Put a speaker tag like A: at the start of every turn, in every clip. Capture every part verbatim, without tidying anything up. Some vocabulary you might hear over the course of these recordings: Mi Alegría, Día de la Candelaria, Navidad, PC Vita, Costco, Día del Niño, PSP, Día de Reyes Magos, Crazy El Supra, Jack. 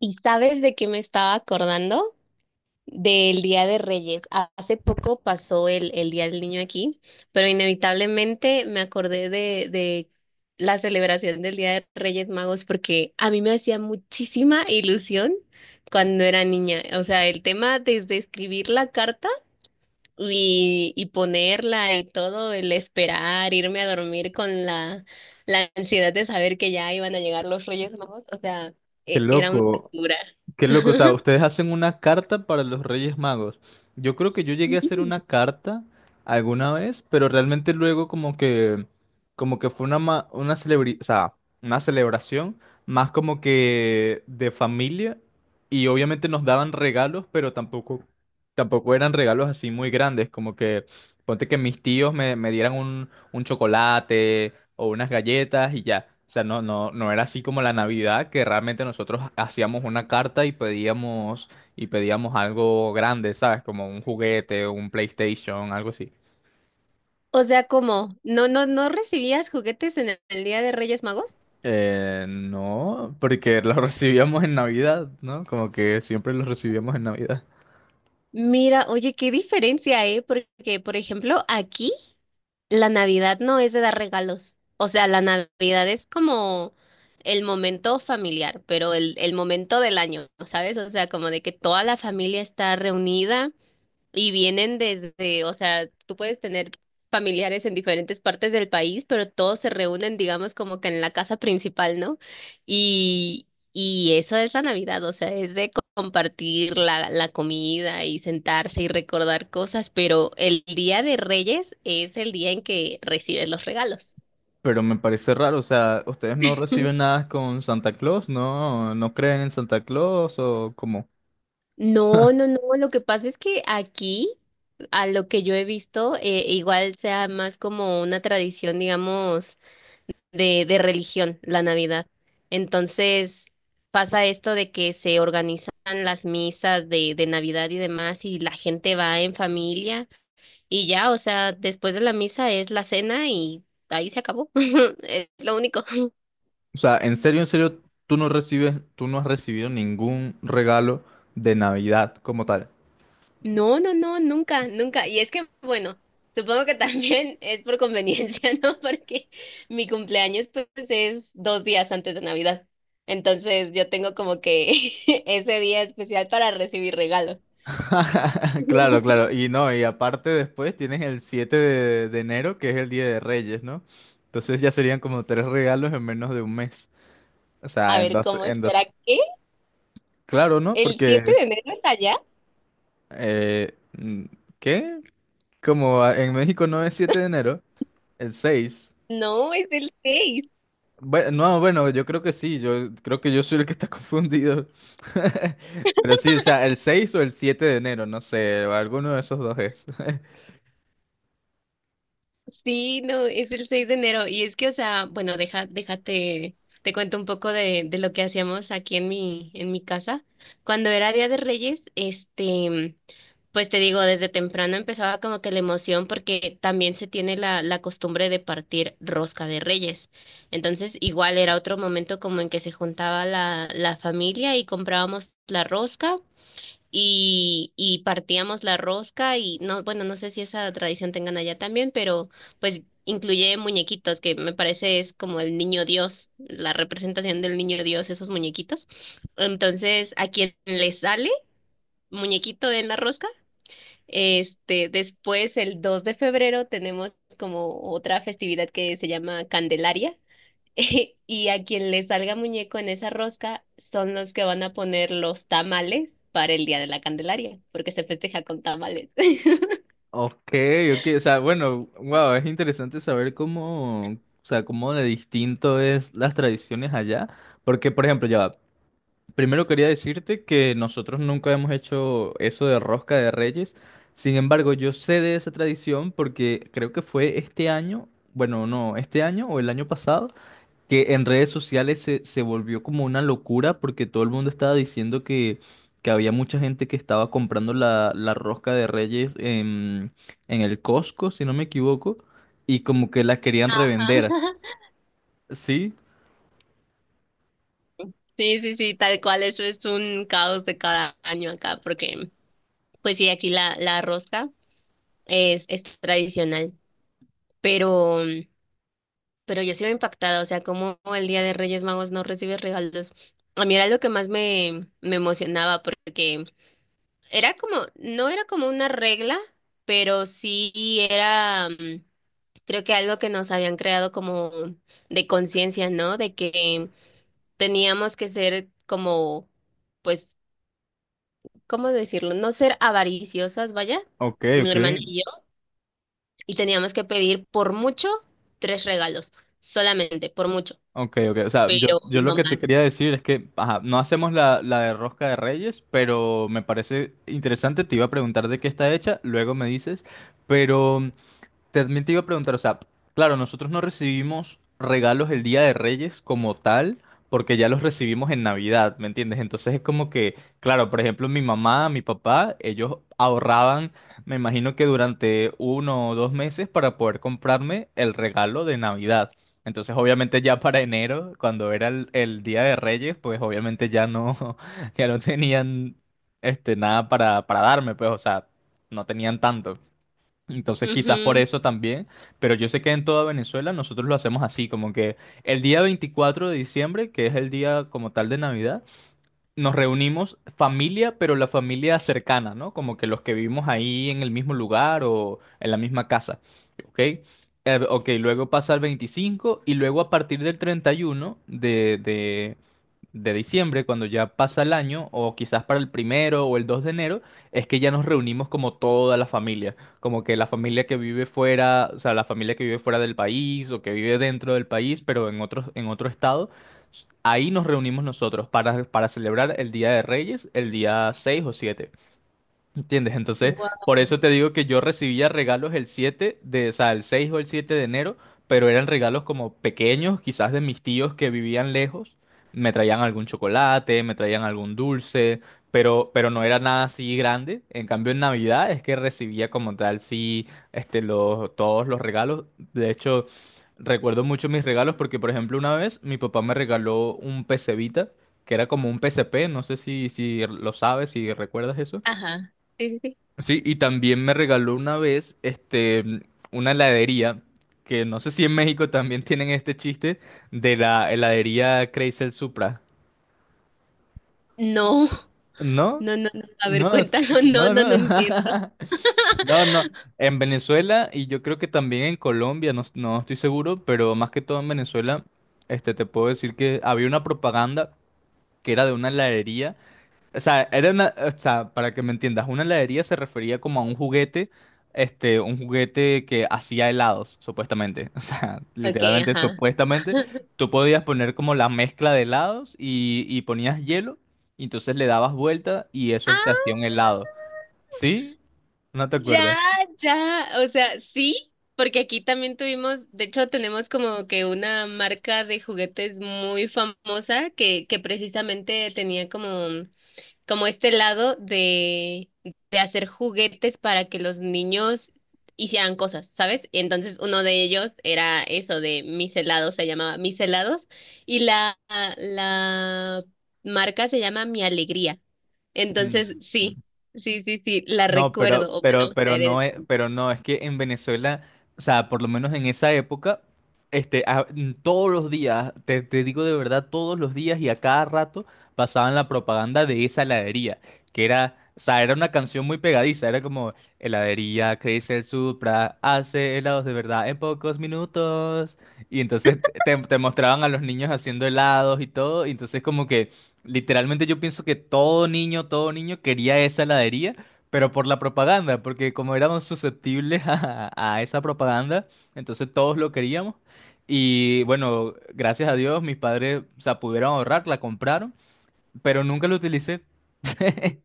A: ¿Y sabes de qué me estaba acordando? Del Día de Reyes. Ha- Hace poco pasó el, el Día del Niño aquí, pero inevitablemente me acordé de, de la celebración del Día de Reyes Magos porque a mí me hacía muchísima ilusión cuando era niña. O sea, el tema desde escribir la carta y, y ponerla y todo, el esperar, irme a dormir con la, la ansiedad de saber que ya iban a llegar los Reyes Magos, o sea,
B: Qué
A: e- era una
B: loco,
A: locura.
B: qué loco. O sea, ustedes hacen una carta para los Reyes Magos. Yo creo que yo llegué a hacer
A: Mm.
B: una carta alguna vez, pero realmente luego como que, como que fue una, ma- una celebri- o sea, una celebración más como que de familia y obviamente nos daban regalos, pero tampoco, tampoco eran regalos así muy grandes, como que ponte que mis tíos me, me dieran un, un chocolate o unas galletas y ya. O sea, no, no, no era así como la Navidad, que realmente nosotros hacíamos una carta y pedíamos, y pedíamos algo grande, ¿sabes? Como un juguete, un PlayStation, algo así.
A: O sea, ¿cómo? ¿No, no, no recibías juguetes en el el Día de Reyes Magos?
B: Eh, no, porque lo recibíamos en Navidad, ¿no? Como que siempre lo recibíamos en Navidad.
A: Mira, oye, qué diferencia, ¿eh? Porque, por ejemplo, aquí la Navidad no es de dar regalos. O sea, la Navidad es como el momento familiar, pero el, el momento del año, ¿sabes? O sea, como de que toda la familia está reunida. Y vienen desde, o sea, tú puedes tener familiares en diferentes partes del país, pero todos se reúnen, digamos, como que en la casa principal, ¿no? Y, y eso es la Navidad, o sea, es de co- compartir la, la comida y sentarse y recordar cosas, pero el Día de Reyes es el día en que recibes los regalos.
B: Pero me parece raro, o sea, ¿ustedes no reciben nada con Santa Claus? ¿No, no creen en Santa Claus o cómo?
A: No, no, no, lo que pasa es que aquí, a lo que yo he visto, eh, igual sea más como una tradición, digamos de, de religión, la Navidad. Entonces pasa esto de que se organizan las misas de, de Navidad y demás y la gente va en familia y ya, o sea, después de la misa es la cena y ahí se acabó. Es lo único.
B: O sea, en serio, en serio, tú no recibes, tú no has recibido ningún regalo de Navidad como tal.
A: No, no, no, nunca, nunca. Y es que, bueno, supongo que también es por conveniencia, ¿no? Porque mi cumpleaños pues es dos días antes de Navidad. Entonces yo tengo como que ese día especial para recibir regalos.
B: Claro, claro. Y no, y aparte después tienes el siete de, de enero, que es el Día de Reyes, ¿no? Entonces ya serían como tres regalos en menos de un mes. O
A: A
B: sea, en
A: ver,
B: dos,
A: ¿cómo
B: en
A: espera
B: dos.
A: qué?
B: Claro, ¿no?
A: ¿El siete
B: Porque,
A: de enero es allá?
B: eh, mm, ¿qué? Como a- en México no es siete de enero, el seis.
A: No, es el seis.
B: Bueno, no, bueno, yo creo que sí, yo creo que yo soy el que está confundido. Pero sí, o sea, el seis o el siete de enero, no sé, alguno de esos dos es.
A: Sí, no, es el seis de enero. Y es que, o sea, bueno, deja, déjate, te cuento un poco de, de lo que hacíamos aquí en mi, en mi casa. Cuando era Día de Reyes, este, pues te digo, desde temprano empezaba como que la emoción porque también se tiene la, la costumbre de partir rosca de reyes. Entonces, igual era otro momento como en que se juntaba la, la familia y comprábamos la rosca y, y partíamos la rosca y no, bueno, no sé si esa tradición tengan allá también, pero pues incluye muñequitos, que me parece es como el niño Dios, la representación del niño Dios, esos muñequitos. Entonces, a quien le sale muñequito en la rosca, este, después el dos de febrero tenemos como otra festividad que se llama Candelaria. Y a quien le salga muñeco en esa rosca son los que van a poner los tamales para el Día de la Candelaria, porque se festeja con tamales.
B: Ok, ok, o sea, bueno, wow, es interesante saber cómo, o sea, cómo de distinto es las tradiciones allá, porque por ejemplo, ya va, primero quería decirte que nosotros nunca hemos hecho eso de rosca de reyes, sin embargo, yo sé de esa tradición porque creo que fue este año, bueno, no, este año o el año pasado que en redes sociales se, se volvió como una locura porque todo el mundo estaba diciendo que, que había mucha gente que estaba comprando la, la rosca de Reyes en, en el Costco, si no me equivoco, y como que la querían revender.
A: Ajá.
B: ¿Sí?
A: Sí, sí, sí, tal cual, eso es un caos de cada año acá, porque pues sí, aquí la, la rosca es, es tradicional, pero, pero yo sigo impactada, o sea, como el Día de Reyes Magos no recibe regalos. A mí era lo que más me, me emocionaba, porque era como, no era como una regla, pero sí era, mm, creo que algo que nos habían creado como de conciencia, ¿no? De que teníamos que ser como, pues, ¿cómo decirlo? No ser avariciosas, vaya,
B: Ok,
A: mi
B: ok.
A: hermana y yo, y teníamos que pedir por mucho tres regalos, solamente, por mucho,
B: Ok, ok. O sea, yo,
A: pero
B: yo lo
A: no
B: que te
A: más.
B: quería decir es que, ajá, no hacemos la, la de rosca de Reyes, pero me parece interesante. Te iba a preguntar de qué está hecha, luego me dices, pero... También te iba a preguntar, o sea, claro, nosotros no recibimos regalos el Día de Reyes como tal, porque ya los recibimos en Navidad, ¿me entiendes? Entonces es como que, claro, por ejemplo, mi mamá, mi papá, ellos ahorraban, me imagino que durante uno o dos meses para poder comprarme el regalo de Navidad. Entonces, obviamente ya para enero, cuando era el, el Día de Reyes, pues obviamente ya no, ya no tenían este nada para, para darme, pues, o sea, no tenían tanto. Entonces quizás por
A: Mhm.
B: eso también, pero yo sé que en toda Venezuela nosotros lo hacemos así, como que el día veinticuatro de diciembre, que es el día como tal de Navidad, nos reunimos familia, pero la familia cercana, ¿no? Como que los que vivimos ahí en el mismo lugar o en la misma casa, ¿ok? Eh, ok, luego pasa el veinticinco y luego a partir del treinta y uno de, de, de diciembre, cuando ya pasa el año, o quizás para el primero o el dos de enero, es que ya nos reunimos como toda la familia, como que la familia que vive fuera, o sea, la familia que vive fuera del país o que vive dentro del país, pero en otro, en otro estado. Ahí nos reunimos nosotros para, para celebrar el Día de Reyes, el día seis o siete. ¿Entiendes? Entonces, por
A: Wow.
B: eso te digo que yo recibía regalos el siete de, o sea, el seis o el siete de enero, pero eran regalos como pequeños, quizás de mis tíos que vivían lejos. Me traían algún chocolate, me traían algún dulce, pero, pero, no era nada así grande. En cambio, en Navidad es que recibía como tal, sí, este, los, todos los regalos. De hecho, recuerdo mucho mis regalos porque, por ejemplo, una vez mi papá me regaló un P C Vita, que era como un P S P, no sé si, si lo sabes, si recuerdas eso.
A: Ajá. Sí, sí, sí.
B: Sí, y también me regaló una vez, este, una heladería, que no sé si en México también tienen este chiste de la heladería Crazy El Supra.
A: No,
B: ¿No?
A: no, no, no. A ver,
B: No, es-
A: cuéntalo. No,
B: no,
A: no,
B: no.
A: no entiendo.
B: No, no. En Venezuela y yo creo que también en Colombia, no, no estoy seguro, pero más que todo en Venezuela, este, te puedo decir que había una propaganda que era de una heladería. O sea, era una, o sea, para que me entiendas, una heladería se refería como a un juguete, este, un juguete que hacía helados, supuestamente. O sea,
A: Ok,
B: literalmente,
A: ajá.
B: supuestamente, tú podías poner como la mezcla de helados y, y ponías hielo, y entonces le dabas vuelta y eso te hacía un
A: Ah,
B: helado. ¿Sí? ¿No te
A: ya,
B: acuerdas?
A: ya. O sea, sí, porque aquí también tuvimos, de hecho, tenemos como que una marca de juguetes muy famosa que, que precisamente tenía como como este lado de, de hacer juguetes para que los niños hicieran cosas, ¿sabes? Entonces uno de ellos era eso de mis helados, se llamaba mis helados, y la, la marca se llama Mi Alegría.
B: Mm.
A: Entonces, sí, sí, sí, sí, la
B: No, pero,
A: recuerdo, o
B: pero,
A: bueno, la
B: pero no
A: heredé.
B: es, pero no, es que en Venezuela, o sea, por lo menos en esa época, este, a- mm, todos los días, te, te digo de verdad, todos los días y a cada rato pasaban la propaganda de esa heladería, que era, o sea, era una canción muy pegadiza, era como, heladería Crazy el Supra hace helados de verdad en pocos minutos, y entonces te, te te mostraban a los niños haciendo helados y todo, y entonces como que, literalmente yo pienso que todo niño, todo niño quería esa heladería pero por la propaganda, porque como éramos susceptibles a, a esa propaganda, entonces todos lo queríamos. Y bueno, gracias a Dios mis padres, o sea, pudieron ahorrar, la compraron, pero nunca lo utilicé.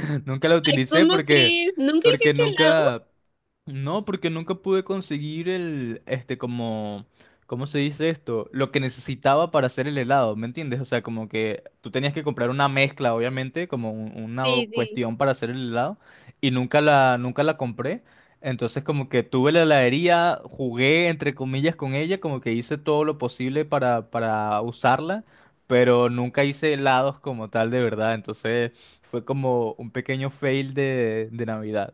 B: Nunca la
A: Ay,
B: utilicé
A: ¿cómo
B: porque,
A: crees? ¿Nunca
B: porque
A: hiciste helado?
B: nunca, no, porque nunca pude conseguir el, este, como, ¿cómo se dice esto? Lo que necesitaba para hacer el helado, ¿me entiendes? O sea, como que tú tenías que comprar una mezcla, obviamente, como un- una
A: Sí, sí.
B: cuestión para hacer el helado, y nunca la, nunca la compré. Entonces, como que tuve la heladería, jugué, entre comillas, con ella, como que hice todo lo posible para, para usarla, pero nunca hice helados como tal, de verdad, entonces... Fue como un pequeño fail de, de Navidad.